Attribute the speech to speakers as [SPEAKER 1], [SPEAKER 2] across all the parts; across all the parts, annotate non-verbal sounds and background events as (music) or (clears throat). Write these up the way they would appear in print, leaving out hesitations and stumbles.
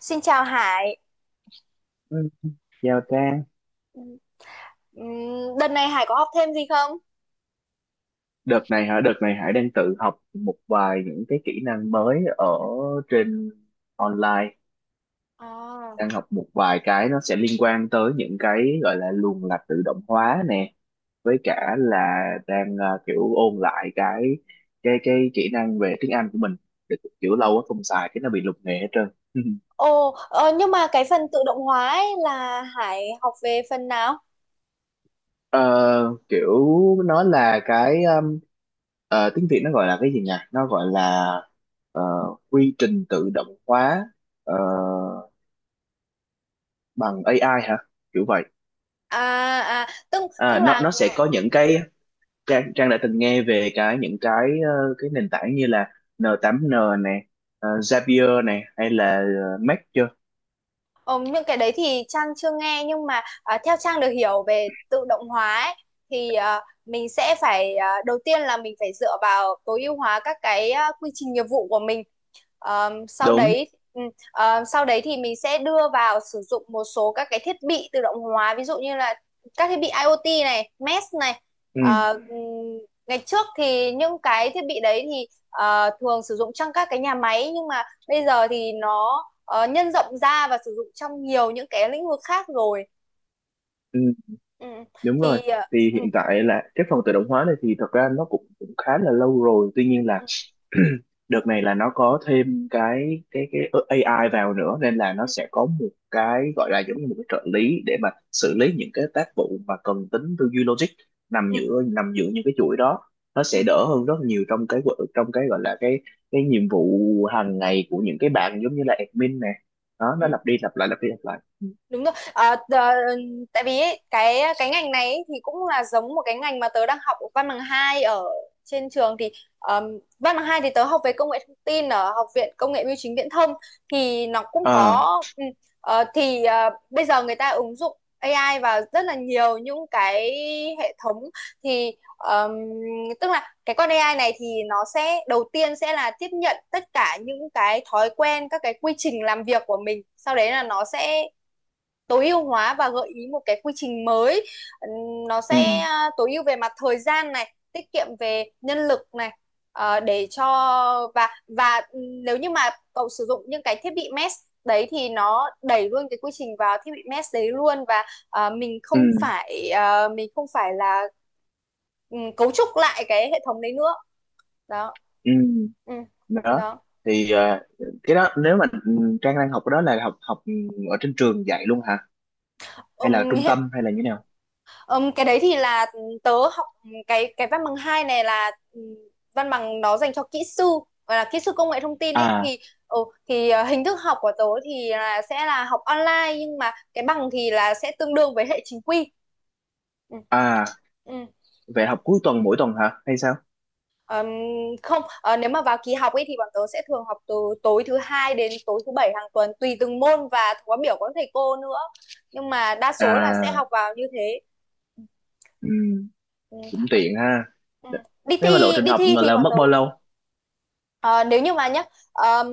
[SPEAKER 1] Xin chào Hải.
[SPEAKER 2] Ừ, chào Trang,
[SPEAKER 1] Đợt này Hải có học thêm gì không?
[SPEAKER 2] đợt này hả? Đợt này Hải đang tự học một vài những cái kỹ năng mới ở trên online,
[SPEAKER 1] À.
[SPEAKER 2] đang học một vài cái nó sẽ liên quan tới những cái gọi là luồng lạch tự động hóa nè, với cả là đang kiểu ôn lại cái kỹ năng về tiếng Anh của mình, để kiểu lâu quá không xài cái nó bị lục nghề hết trơn. (laughs)
[SPEAKER 1] Ồ, nhưng mà cái phần tự động hóa ấy là Hải học về phần nào?
[SPEAKER 2] Ờ, kiểu nó là tiếng Việt nó gọi là cái gì nhỉ? Nó gọi là ờ, quy trình tự động hóa ờ, bằng AI hả? Kiểu vậy.
[SPEAKER 1] À, à tức
[SPEAKER 2] À,
[SPEAKER 1] tức
[SPEAKER 2] nó
[SPEAKER 1] là,
[SPEAKER 2] nó sẽ có Trang đã từng nghe về cái những cái ờ, cái nền tảng như là N8N này, Zapier này hay là Make chưa?
[SPEAKER 1] ờ, những cái đấy thì Trang chưa nghe, nhưng mà theo Trang được hiểu về tự động hóa ấy, thì mình sẽ phải, đầu tiên là mình phải dựa vào tối ưu hóa các cái quy trình nghiệp vụ của mình. Ờm, sau
[SPEAKER 2] Đúng.
[SPEAKER 1] đấy ừm, ờ, sau đấy thì mình sẽ đưa vào sử dụng một số các cái thiết bị tự động hóa ví dụ như là các thiết bị IoT này, mesh này.
[SPEAKER 2] Ừ,
[SPEAKER 1] Ừ. Ngày trước thì những cái thiết bị đấy thì thường sử dụng trong các cái nhà máy, nhưng mà bây giờ thì nó nhân rộng ra và sử dụng trong nhiều những cái lĩnh vực khác rồi.
[SPEAKER 2] ừ,
[SPEAKER 1] Ừ,
[SPEAKER 2] đúng rồi.
[SPEAKER 1] thì
[SPEAKER 2] Thì
[SPEAKER 1] ừ,
[SPEAKER 2] hiện tại là cái phần tự động hóa này thì thật ra nó cũng khá là lâu rồi. Tuy nhiên là
[SPEAKER 1] ừ,
[SPEAKER 2] (clears throat) đợt này là nó có thêm cái AI vào nữa nên là nó
[SPEAKER 1] ừ,
[SPEAKER 2] sẽ có một cái gọi là giống như một cái trợ lý để mà xử lý những cái tác vụ mà cần tính tư duy logic nằm
[SPEAKER 1] ừ,
[SPEAKER 2] giữa nằm giữa những cái chuỗi đó, nó
[SPEAKER 1] ừ.
[SPEAKER 2] sẽ đỡ hơn rất nhiều trong trong cái gọi là cái nhiệm vụ hàng ngày của những cái bạn giống như là admin nè, đó nó
[SPEAKER 1] Ừ.
[SPEAKER 2] lặp đi lặp lại lặp đi lặp lại.
[SPEAKER 1] Đúng rồi, à, tại vì ấy, cái ngành này ấy thì cũng là giống một cái ngành mà tớ đang học văn bằng hai ở trên trường. Thì ờm, văn bằng hai thì tớ học về công nghệ thông tin ở Học viện Công nghệ Bưu chính Viễn thông, thì nó cũng
[SPEAKER 2] À,
[SPEAKER 1] có, ừ, bây giờ người ta ứng dụng AI vào rất là nhiều những cái hệ thống. Thì ờm, tức là cái con AI này thì nó sẽ đầu tiên sẽ là tiếp nhận tất cả những cái thói quen, các cái quy trình làm việc của mình, sau đấy là nó sẽ tối ưu hóa và gợi ý một cái quy trình mới. Nó
[SPEAKER 2] ừ,
[SPEAKER 1] sẽ tối ưu về mặt thời gian này, tiết kiệm về nhân lực này, để cho, và nếu như mà cậu sử dụng những cái thiết bị mesh đấy thì nó đẩy luôn cái quy trình vào thiết bị mesh đấy luôn, và mình không
[SPEAKER 2] ừ,
[SPEAKER 1] phải, mình không phải là, ừ, cấu trúc lại cái hệ thống đấy nữa. Đó.
[SPEAKER 2] ừ,
[SPEAKER 1] Ừ.
[SPEAKER 2] đó
[SPEAKER 1] Đó.
[SPEAKER 2] thì cái đó, nếu mà Trang đang học cái đó là học học ở trên trường dạy luôn hả, hay là trung
[SPEAKER 1] Hiện,
[SPEAKER 2] tâm hay là như thế nào?
[SPEAKER 1] Cái đấy thì là tớ học cái văn bằng 2 này là, văn bằng nó dành cho kỹ sư, gọi là kỹ sư công nghệ thông tin ấy.
[SPEAKER 2] À,
[SPEAKER 1] Thì, ừ, thì hình thức học của tớ thì là sẽ là học online, nhưng mà cái bằng thì là sẽ tương đương với hệ chính quy. Ừ.
[SPEAKER 2] à,
[SPEAKER 1] Ừ.
[SPEAKER 2] vậy học cuối tuần mỗi tuần hả hay sao?
[SPEAKER 1] Ừm, không, nếu mà vào kỳ học ấy thì bọn tớ sẽ thường học từ tối thứ hai đến tối thứ bảy hàng tuần, tùy từng môn và khóa biểu của các thầy cô nữa, nhưng mà đa số là sẽ học
[SPEAKER 2] À,
[SPEAKER 1] vào như thế.
[SPEAKER 2] ừ,
[SPEAKER 1] Ừ.
[SPEAKER 2] cũng tiện ha.
[SPEAKER 1] Ừ. Đi
[SPEAKER 2] Thế mà lộ
[SPEAKER 1] thi
[SPEAKER 2] trình
[SPEAKER 1] đi
[SPEAKER 2] học
[SPEAKER 1] thi
[SPEAKER 2] mà
[SPEAKER 1] thì
[SPEAKER 2] là
[SPEAKER 1] bọn
[SPEAKER 2] mất
[SPEAKER 1] tớ,
[SPEAKER 2] bao lâu?
[SPEAKER 1] ờ, nếu như mà nhá, ờm,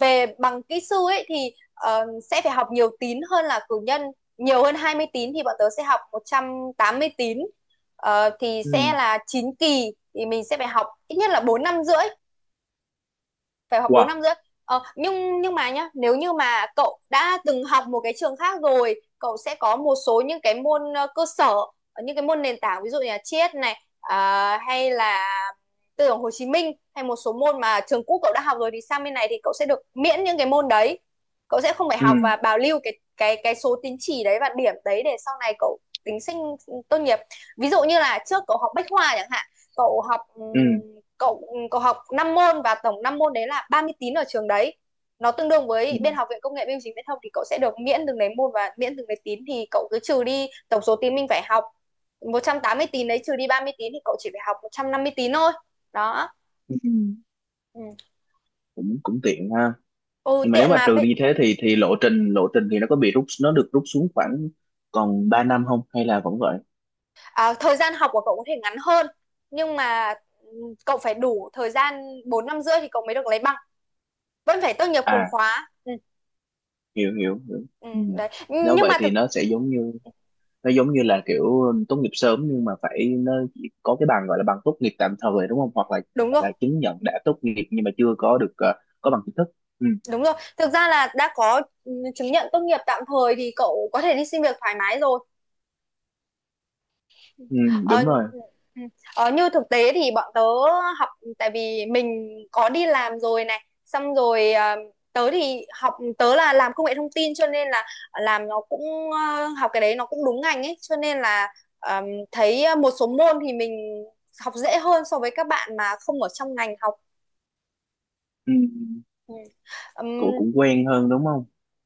[SPEAKER 1] về bằng kỹ sư ấy thì, sẽ phải học nhiều tín hơn là cử nhân, nhiều hơn 20 tín, thì bọn tớ sẽ học 180 tín. Ờ, thì
[SPEAKER 2] Ừ,
[SPEAKER 1] sẽ là 9 kỳ, thì mình sẽ phải học ít nhất là 4 năm rưỡi, phải học bốn
[SPEAKER 2] wow.
[SPEAKER 1] năm rưỡi Ờ, nhưng mà nhá, nếu như mà cậu đã từng học một cái trường khác rồi, cậu sẽ có một số những cái môn, cơ sở, những cái môn nền tảng, ví dụ như là triết này, à, hay là tư tưởng Hồ Chí Minh, hay một số môn mà trường cũ cậu đã học rồi, thì sang bên này thì cậu sẽ được miễn những cái môn đấy. Cậu sẽ không phải
[SPEAKER 2] Ừ,
[SPEAKER 1] học, và bảo lưu cái cái số tín chỉ đấy và điểm đấy để sau này cậu tính sinh tốt nghiệp. Ví dụ như là trước cậu học bách khoa chẳng hạn, cậu học, ừ,
[SPEAKER 2] ừ,
[SPEAKER 1] cậu cậu học 5 môn, và tổng 5 môn đấy là 30 tín ở trường đấy, nó tương đương
[SPEAKER 2] ừ,
[SPEAKER 1] với bên học viện công nghệ bưu chính viễn thông, thì cậu sẽ được miễn từng đấy môn và miễn từng đấy tín, thì cậu cứ trừ đi tổng số tín mình phải học, 180 tín đấy trừ đi 30 tín, thì cậu chỉ phải học 150 tín thôi. Đó.
[SPEAKER 2] ừ.
[SPEAKER 1] Ừ.
[SPEAKER 2] cũng cũng tiện ha.
[SPEAKER 1] Ừ,
[SPEAKER 2] Nhưng mà nếu
[SPEAKER 1] tiện
[SPEAKER 2] mà
[SPEAKER 1] mà.
[SPEAKER 2] trừ đi thế thì lộ trình thì nó được rút xuống khoảng còn 3 năm không, hay là vẫn vậy?
[SPEAKER 1] À, thời gian học của cậu có thể ngắn hơn, nhưng mà, ừ, cậu phải đủ thời gian 4 năm rưỡi thì cậu mới được lấy bằng, vẫn phải tốt nghiệp cùng
[SPEAKER 2] À,
[SPEAKER 1] khóa. Ừ.
[SPEAKER 2] hiểu hiểu hiểu.
[SPEAKER 1] Ừ.
[SPEAKER 2] Ừ.
[SPEAKER 1] Đấy,
[SPEAKER 2] Nếu
[SPEAKER 1] nhưng
[SPEAKER 2] vậy
[SPEAKER 1] mà
[SPEAKER 2] thì
[SPEAKER 1] thực,
[SPEAKER 2] nó giống như là kiểu tốt nghiệp sớm, nhưng mà phải nó chỉ có cái bằng gọi là bằng tốt nghiệp tạm thời đúng không, hoặc là
[SPEAKER 1] đúng rồi.
[SPEAKER 2] chứng nhận đã tốt nghiệp nhưng mà chưa có được có bằng chính thức. Ừ,
[SPEAKER 1] Đúng rồi, thực ra là đã có, ừ, chứng nhận tốt nghiệp tạm thời thì cậu có thể đi xin việc thoải mái rồi.
[SPEAKER 2] ừ,
[SPEAKER 1] Ờ.
[SPEAKER 2] đúng rồi.
[SPEAKER 1] Ừ. Như thực tế thì bọn tớ học, tại vì mình có đi làm rồi này, xong rồi, tớ thì học, tớ là làm công nghệ thông tin, cho nên là làm nó cũng, học cái đấy nó cũng đúng ngành ấy, cho nên là, ờm, thấy một số môn thì mình học dễ hơn so với các bạn mà không ở trong ngành học.
[SPEAKER 2] Ừ,
[SPEAKER 1] Ừ.
[SPEAKER 2] cũng
[SPEAKER 1] Ừm,
[SPEAKER 2] cũng quen hơn đúng không?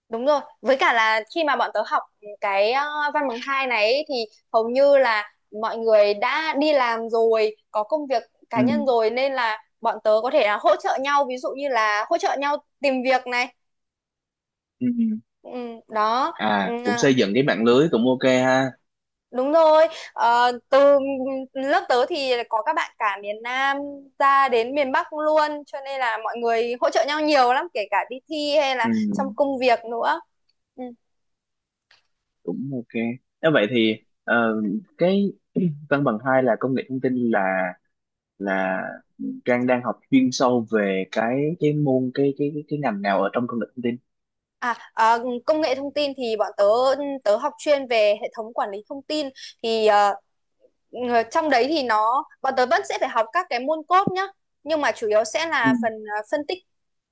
[SPEAKER 1] đúng rồi, với cả là khi mà bọn tớ học cái, văn bằng hai này ấy, thì hầu như là mọi người đã đi làm rồi, có công việc cá
[SPEAKER 2] Ừ,
[SPEAKER 1] nhân rồi, nên là bọn tớ có thể là hỗ trợ nhau, ví dụ như là hỗ trợ nhau tìm việc này.
[SPEAKER 2] ừ.
[SPEAKER 1] Ừ. Đó. Ừ,
[SPEAKER 2] À, cũng
[SPEAKER 1] à,
[SPEAKER 2] xây dựng cái mạng lưới cũng ok ha.
[SPEAKER 1] đúng rồi. Ờ, từ lớp tớ thì có các bạn cả miền Nam ra đến miền Bắc luôn, cho nên là mọi người hỗ trợ nhau nhiều lắm, kể cả đi thi hay là
[SPEAKER 2] Ừ,
[SPEAKER 1] trong công việc nữa. Ừ.
[SPEAKER 2] cũng ok. Nếu vậy thì ờ, cái văn bằng hai là công nghệ thông tin, là Trang đang học chuyên sâu về cái môn cái ngành nào ở trong công nghệ thông tin?
[SPEAKER 1] À, à, công nghệ thông tin thì bọn tớ, tớ học chuyên về hệ thống quản lý thông tin. Thì trong đấy thì bọn tớ vẫn sẽ phải học các cái môn code nhá, nhưng mà chủ yếu sẽ
[SPEAKER 2] Ừ.
[SPEAKER 1] là phần phân tích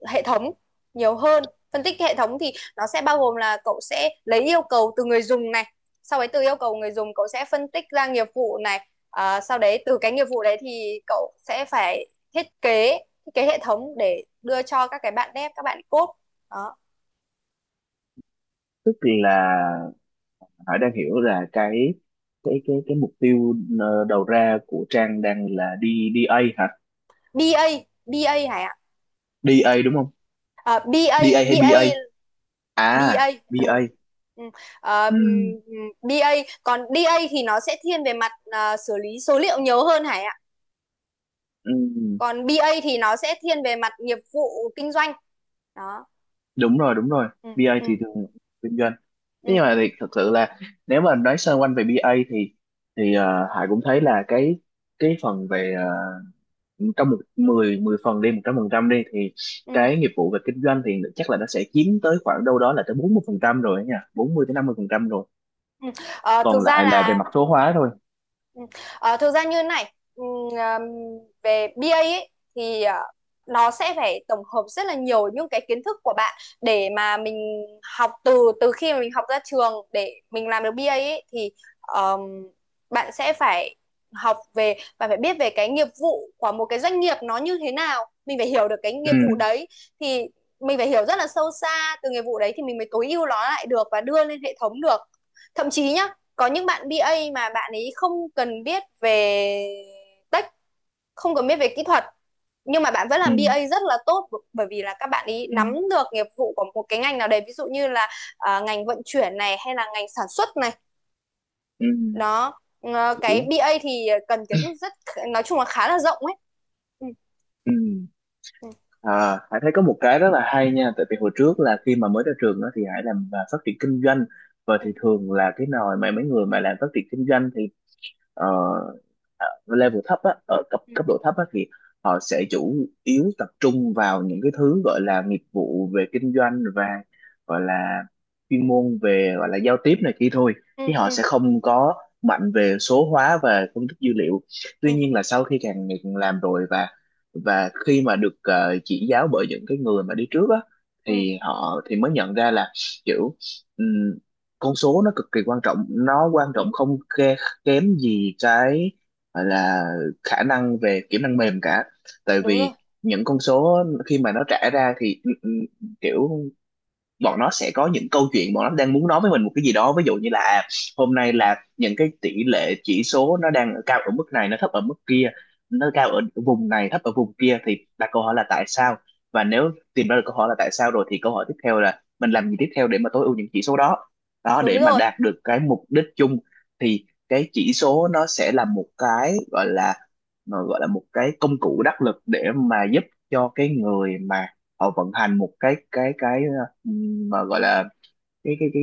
[SPEAKER 1] hệ thống nhiều hơn. Phân tích hệ thống thì nó sẽ bao gồm là cậu sẽ lấy yêu cầu từ người dùng này, sau đấy từ yêu cầu người dùng cậu sẽ phân tích ra nghiệp vụ này. Ờ, sau đấy từ cái nghiệp vụ đấy thì cậu sẽ phải thiết kế, thiết kế hệ thống để đưa cho các cái bạn dev, các bạn code.
[SPEAKER 2] Tức là Hải đang hiểu là cái mục tiêu đầu ra của Trang đang là đi DA hả?
[SPEAKER 1] BA. BA, Hải ạ.
[SPEAKER 2] DA đúng không?
[SPEAKER 1] À, BA.
[SPEAKER 2] DA hay BA?
[SPEAKER 1] BA.
[SPEAKER 2] À,
[SPEAKER 1] BA. Ừ.
[SPEAKER 2] BA.
[SPEAKER 1] Ừ. Ờ,
[SPEAKER 2] Ừ,
[SPEAKER 1] BA, còn DA thì nó sẽ thiên về mặt xử lý số liệu nhiều hơn, Hải ạ.
[SPEAKER 2] ừ,
[SPEAKER 1] Còn bê A thì nó sẽ thiên về mặt nghiệp vụ kinh doanh. Đó.
[SPEAKER 2] đúng rồi, đúng rồi.
[SPEAKER 1] Ừ.
[SPEAKER 2] BA
[SPEAKER 1] Ừ.
[SPEAKER 2] thì thường kinh doanh. Thế
[SPEAKER 1] Ừ.
[SPEAKER 2] nhưng mà thì thật sự là, nếu mà nói sơ quanh về BA thì Hải cũng thấy là cái phần về, trong một 10 10 phần đi, 100% đi, thì
[SPEAKER 1] Ừ.
[SPEAKER 2] cái nghiệp vụ về kinh doanh thì chắc là nó sẽ chiếm tới khoảng đâu đó là tới 40% rồi ấy nha, 40 tới 50% rồi,
[SPEAKER 1] Ừ. Ờ, thực
[SPEAKER 2] còn
[SPEAKER 1] ra
[SPEAKER 2] lại là về
[SPEAKER 1] là.
[SPEAKER 2] mặt số hóa thôi.
[SPEAKER 1] Ừ. Ờ, thực ra như này, về BA ấy, thì nó sẽ phải tổng hợp rất là nhiều những cái kiến thức của bạn để mà mình học. Từ từ khi mà mình học ra trường để mình làm được BA ấy, thì ờm, bạn sẽ phải học về và phải biết về cái nghiệp vụ của một cái doanh nghiệp nó như thế nào, mình phải hiểu được cái nghiệp
[SPEAKER 2] Ừ,
[SPEAKER 1] vụ đấy. Thì mình phải hiểu rất là sâu xa từ nghiệp vụ đấy, thì mình mới tối ưu nó lại được và đưa lên hệ thống được. Thậm chí nhá, có những bạn bê A mà bạn ấy không cần biết về tech, không cần biết về kỹ thuật, nhưng mà bạn vẫn
[SPEAKER 2] ừ,
[SPEAKER 1] làm bê A rất là tốt, bởi vì là các bạn ý
[SPEAKER 2] ừ,
[SPEAKER 1] nắm được nghiệp vụ của một cái ngành nào đấy, ví dụ như là, à, ngành vận chuyển này hay là ngành sản xuất này.
[SPEAKER 2] ừ,
[SPEAKER 1] Đó. Ờ,
[SPEAKER 2] hiểu.
[SPEAKER 1] cái bê A thì cần kiến thức rất, nói chung là khá là rộng ấy. Ừ.
[SPEAKER 2] Ừ.
[SPEAKER 1] Ừ,
[SPEAKER 2] À, Hải thấy có một cái rất là hay nha, tại vì hồi trước là khi mà mới ra trường đó thì Hải làm phát triển kinh doanh, và
[SPEAKER 1] ừ,
[SPEAKER 2] thì thường là cái nồi mà mấy người mà làm phát triển kinh doanh thì ờ, ở level thấp á, ở cấp
[SPEAKER 1] ừ,
[SPEAKER 2] cấp độ thấp á, thì họ sẽ chủ yếu tập trung vào những cái thứ gọi là nghiệp vụ về kinh doanh và gọi là chuyên môn về gọi là giao tiếp này kia thôi,
[SPEAKER 1] ừ,
[SPEAKER 2] chứ họ
[SPEAKER 1] ừ,
[SPEAKER 2] sẽ không có mạnh về số hóa và phân tích dữ liệu.
[SPEAKER 1] ừ,
[SPEAKER 2] Tuy nhiên là sau khi càng ngày càng làm rồi, và khi mà được chỉ giáo bởi những cái người mà đi trước á,
[SPEAKER 1] ừ,
[SPEAKER 2] thì họ thì mới nhận ra là kiểu ừm, con số nó cực kỳ quan trọng, nó quan
[SPEAKER 1] ừ. Đúng
[SPEAKER 2] trọng không kém kém gì cái gọi là khả năng về kỹ năng mềm cả. Tại
[SPEAKER 1] đúng rồi,
[SPEAKER 2] vì những con số khi mà nó trả ra thì kiểu bọn nó sẽ có những câu chuyện bọn nó đang muốn nói với mình một cái gì đó, ví dụ như là hôm nay là những cái tỷ lệ chỉ số nó đang ở cao ở mức này nó thấp ở mức kia, nó cao ở vùng này thấp ở vùng kia, thì đặt câu hỏi là tại sao. Và nếu tìm ra được câu hỏi là tại sao rồi thì câu hỏi tiếp theo là mình làm gì tiếp theo để mà tối ưu những chỉ số đó, đó,
[SPEAKER 1] đúng
[SPEAKER 2] để mà
[SPEAKER 1] rồi.
[SPEAKER 2] đạt được cái mục đích chung, thì cái chỉ số nó sẽ là một cái gọi là, mà gọi là một cái công cụ đắc lực để mà giúp cho cái người mà họ vận hành một cái mà gọi là cái cái cái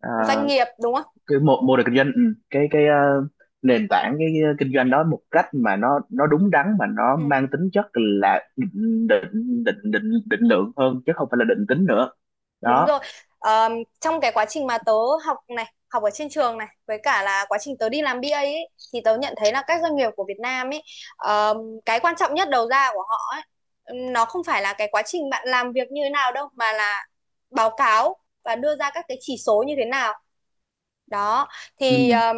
[SPEAKER 2] ờ,
[SPEAKER 1] Doanh nghiệp đúng không?
[SPEAKER 2] cái mô mô hình kinh doanh, cái cái ờ, nền tảng, cái kinh doanh đó, một cách mà nó đúng đắn, mà nó
[SPEAKER 1] Ừ.
[SPEAKER 2] mang tính chất là định định định định định lượng hơn chứ không phải là định tính nữa.
[SPEAKER 1] Đúng
[SPEAKER 2] Đó.
[SPEAKER 1] rồi. Ờm, trong cái quá trình mà tớ học này, học ở trên trường này, với cả là quá trình tớ đi làm BA ấy, thì tớ nhận thấy là các doanh nghiệp của Việt Nam ấy, ờm, cái quan trọng nhất đầu ra của họ ấy, nó không phải là cái quá trình bạn làm việc như thế nào đâu, mà là báo cáo và đưa ra các cái chỉ số như thế nào. Đó.
[SPEAKER 2] Ừ,
[SPEAKER 1] Thì ờm,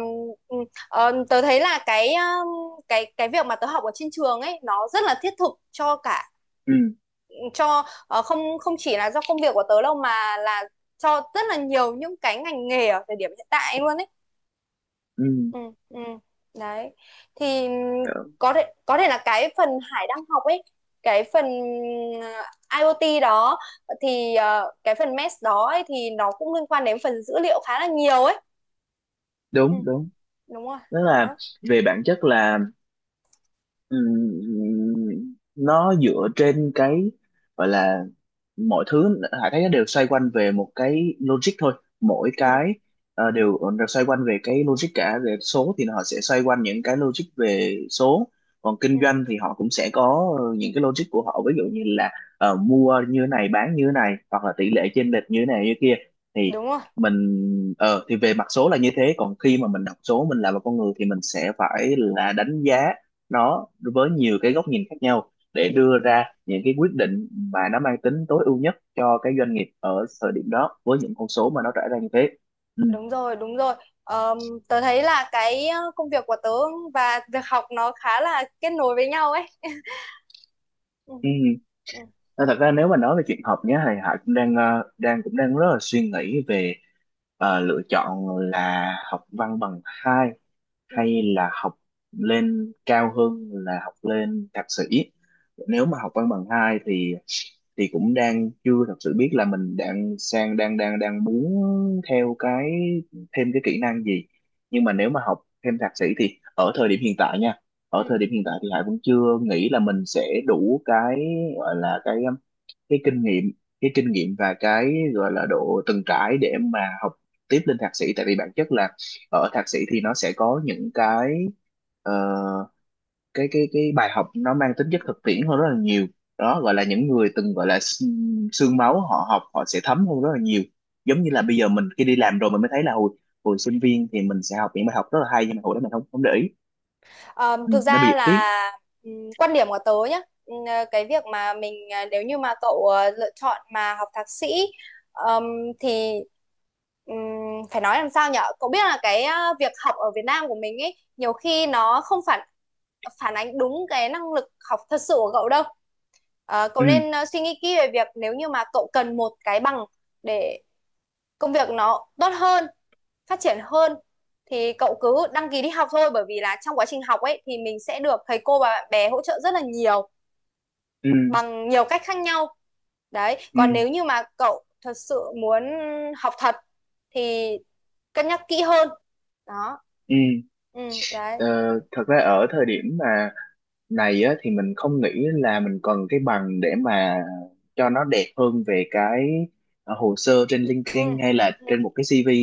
[SPEAKER 1] ờm, tớ thấy là cái, cái việc mà tớ học ở trên trường ấy, nó rất là thiết thực cho cả,
[SPEAKER 2] ừ,
[SPEAKER 1] cho không, chỉ là do công việc của tớ đâu, mà là cho rất là nhiều những cái ngành nghề ở thời điểm hiện tại luôn ấy.
[SPEAKER 2] ừ.
[SPEAKER 1] Ừ. Ừ. Đấy. Thì
[SPEAKER 2] Ờ,
[SPEAKER 1] có thể, là cái phần Hải đang học ấy, cái phần ờ, IoT đó, thì cái phần MES đó ấy thì nó cũng liên quan đến phần dữ liệu khá là nhiều ấy. Ừ.
[SPEAKER 2] đúng đúng.
[SPEAKER 1] Đúng rồi
[SPEAKER 2] Tức là
[SPEAKER 1] đó.
[SPEAKER 2] về bản chất là, nó dựa trên cái gọi là, mọi thứ Hải thấy nó đều xoay quanh về một cái logic thôi, mỗi
[SPEAKER 1] Ừ.
[SPEAKER 2] cái đều xoay quanh về cái logic cả. Về số thì họ sẽ xoay quanh những cái logic về số, còn
[SPEAKER 1] Ừ,
[SPEAKER 2] kinh doanh thì họ cũng sẽ có những cái logic của họ, ví dụ như là mua như thế này bán như thế này hoặc là tỷ lệ chênh lệch như thế này như kia, thì
[SPEAKER 1] đúng rồi.
[SPEAKER 2] mình thì về mặt số là như thế, còn khi mà mình đọc số, mình là một con người thì mình sẽ phải là đánh giá nó với nhiều cái góc nhìn khác nhau để đưa
[SPEAKER 1] Ừ,
[SPEAKER 2] ra những cái quyết định mà nó mang tính tối ưu nhất cho cái doanh nghiệp ở thời điểm đó với những con số mà nó trải ra như thế. Ừ.
[SPEAKER 1] đúng rồi, đúng rồi. Ờm, tớ thấy là cái công việc của tớ và việc học nó khá là kết nối với nhau ấy. Ừ.
[SPEAKER 2] Ừ.
[SPEAKER 1] Ừ.
[SPEAKER 2] Nên thật ra nếu mà nói về chuyện học nhé, thì Hải cũng đang ờ, đang cũng đang rất là suy nghĩ về lựa chọn là học văn bằng hai
[SPEAKER 1] Ừ.
[SPEAKER 2] hay là học lên cao hơn là học lên thạc sĩ. Nếu mà học văn bằng hai thì cũng đang chưa thật sự biết là mình đang sang đang đang đang muốn theo thêm cái kỹ năng gì, nhưng mà nếu mà học thêm thạc sĩ thì ở thời điểm hiện tại nha, ở
[SPEAKER 1] ừ,
[SPEAKER 2] thời điểm hiện tại thì Hải vẫn chưa nghĩ là mình sẽ đủ cái gọi là cái kinh nghiệm cái kinh nghiệm và cái gọi là độ từng trải để mà học tiếp lên thạc sĩ, tại vì bản chất là ở thạc sĩ thì nó sẽ có những cái ờ, cái bài học nó mang tính
[SPEAKER 1] ừ.
[SPEAKER 2] chất thực tiễn hơn rất là nhiều. Đó, gọi là những người từng gọi là xương máu họ học họ sẽ thấm hơn rất là nhiều, giống như là bây giờ mình khi đi làm rồi mình mới thấy là hồi hồi sinh viên thì mình sẽ học những bài học rất là hay nhưng mà hồi đó mình không không để ý,
[SPEAKER 1] Ờ, thực
[SPEAKER 2] nó
[SPEAKER 1] ra
[SPEAKER 2] bị tiếc.
[SPEAKER 1] là, ừ, quan điểm của tớ nhá. Ừ, cái việc mà mình, nếu như mà cậu lựa chọn mà học thạc sĩ, ừm, thì ừm, phải nói làm sao nhở, cậu biết là cái, việc học ở Việt Nam của mình ấy nhiều khi nó không phản, phản ánh đúng cái năng lực học thật sự của cậu đâu. Ờ, cậu
[SPEAKER 2] Ừ,
[SPEAKER 1] nên suy nghĩ kỹ về việc nếu như mà cậu cần một cái bằng để công việc nó tốt hơn, phát triển hơn, thì cậu cứ đăng ký đi học thôi, bởi vì là trong quá trình học ấy thì mình sẽ được thầy cô và bạn bè hỗ trợ rất là nhiều
[SPEAKER 2] ừ,
[SPEAKER 1] bằng nhiều cách khác nhau. Đấy,
[SPEAKER 2] ừ,
[SPEAKER 1] còn nếu như mà cậu thật sự muốn học thật thì cân nhắc kỹ hơn. Đó.
[SPEAKER 2] ừ.
[SPEAKER 1] Ừ. Đấy.
[SPEAKER 2] Ờ, thật ra ở thời điểm mà này á, thì mình không nghĩ là mình cần cái bằng để mà cho nó đẹp hơn về cái hồ sơ trên
[SPEAKER 1] Ừ,
[SPEAKER 2] LinkedIn hay là
[SPEAKER 1] ừ,
[SPEAKER 2] trên một cái CV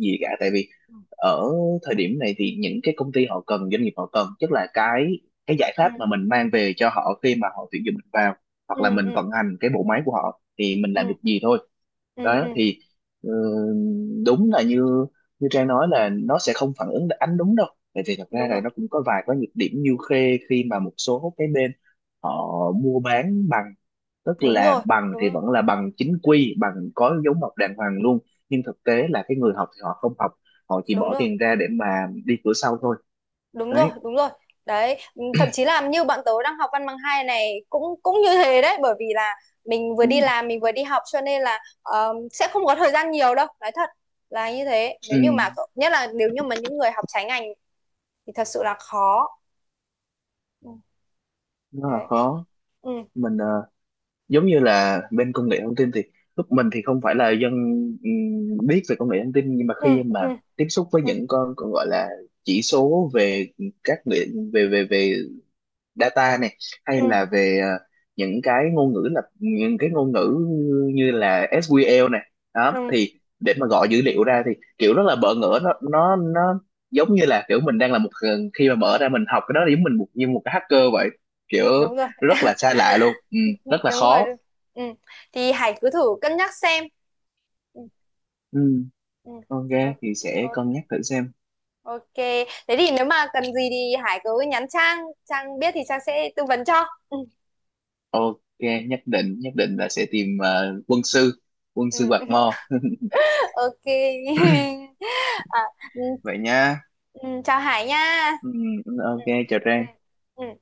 [SPEAKER 2] gì cả, tại vì
[SPEAKER 1] ừ,
[SPEAKER 2] ở thời điểm này thì những cái công ty họ cần, doanh nghiệp họ cần, tức là cái giải pháp
[SPEAKER 1] ừ,
[SPEAKER 2] mà mình mang về cho họ khi mà họ tuyển dụng mình vào,
[SPEAKER 1] ừ,
[SPEAKER 2] hoặc là mình
[SPEAKER 1] ừ,
[SPEAKER 2] vận hành cái bộ máy của họ thì mình làm
[SPEAKER 1] ừ,
[SPEAKER 2] được gì thôi.
[SPEAKER 1] ừ.
[SPEAKER 2] Đó
[SPEAKER 1] Ừ.
[SPEAKER 2] thì ừ, đúng là như như Trang nói, là nó sẽ không phản ứng ánh đúng đâu, tại vì thật ra
[SPEAKER 1] Đúng
[SPEAKER 2] là
[SPEAKER 1] rồi,
[SPEAKER 2] nó cũng có vài cái nhược điểm như khê, khi mà một số cái bên họ mua bán bằng, tức
[SPEAKER 1] đúng
[SPEAKER 2] là
[SPEAKER 1] rồi,
[SPEAKER 2] bằng
[SPEAKER 1] đúng
[SPEAKER 2] thì
[SPEAKER 1] rồi,
[SPEAKER 2] vẫn là bằng chính quy, bằng có dấu mộc đàng hoàng luôn, nhưng thực tế là cái người học thì họ không học, họ chỉ
[SPEAKER 1] đúng
[SPEAKER 2] bỏ
[SPEAKER 1] rồi.
[SPEAKER 2] tiền ra để mà đi cửa sau thôi,
[SPEAKER 1] Đúng rồi,
[SPEAKER 2] đấy.
[SPEAKER 1] đúng rồi. Đấy, ừ, thậm chí là như bọn tớ đang học văn bằng hai này cũng, cũng như thế đấy, bởi vì là mình vừa
[SPEAKER 2] Ừ,
[SPEAKER 1] đi làm mình vừa đi học, cho nên là sẽ không có thời gian nhiều đâu, nói thật là như thế.
[SPEAKER 2] ừ,
[SPEAKER 1] Nếu như mà nhất là nếu như mà những người học trái ngành thì thật sự là khó. Ừ.
[SPEAKER 2] nó là
[SPEAKER 1] Đấy.
[SPEAKER 2] khó.
[SPEAKER 1] Ừ,
[SPEAKER 2] Mình giống như là bên công nghệ thông tin thì lúc mình thì không phải là dân biết về công nghệ thông tin, nhưng mà
[SPEAKER 1] ừ,
[SPEAKER 2] khi mà
[SPEAKER 1] ừ,
[SPEAKER 2] tiếp xúc với
[SPEAKER 1] ừ,
[SPEAKER 2] những con còn gọi là chỉ số về các nghệ- về về về data này, hay
[SPEAKER 1] ừ,
[SPEAKER 2] là về những cái ngôn ngữ như là SQL này, đó
[SPEAKER 1] ừ,
[SPEAKER 2] thì để mà gọi dữ liệu ra thì kiểu rất là bỡ ngỡ, nó giống như là kiểu mình đang là một khi mà mở ra mình học cái đó, giống mình một như một cái hacker vậy, kiểu
[SPEAKER 1] đúng rồi.
[SPEAKER 2] rất là xa lạ luôn. Ừ,
[SPEAKER 1] (laughs) Đúng
[SPEAKER 2] rất là
[SPEAKER 1] rồi.
[SPEAKER 2] khó.
[SPEAKER 1] Ừ. Thì Hải cứ thử cân nhắc xem. Ừ,
[SPEAKER 2] Ừ,
[SPEAKER 1] ừ.
[SPEAKER 2] con
[SPEAKER 1] Thôi,
[SPEAKER 2] thì sẽ
[SPEAKER 1] ok.
[SPEAKER 2] cân nhắc thử xem.
[SPEAKER 1] Ok, thế thì nếu mà cần gì thì Hải cứ nhắn Trang, Trang biết thì Trang sẽ tư vấn cho. Ừ.
[SPEAKER 2] Ok, nhất định là sẽ tìm quân
[SPEAKER 1] Ừ.
[SPEAKER 2] sư Bạc Mò. (laughs)
[SPEAKER 1] (laughs) Ok. (laughs) À, ừ.
[SPEAKER 2] Vậy nha.
[SPEAKER 1] Ừ, chào Hải nha.
[SPEAKER 2] Ừ,
[SPEAKER 1] Ừ.
[SPEAKER 2] ok, chào
[SPEAKER 1] Ừ.
[SPEAKER 2] Trang.
[SPEAKER 1] Ừ.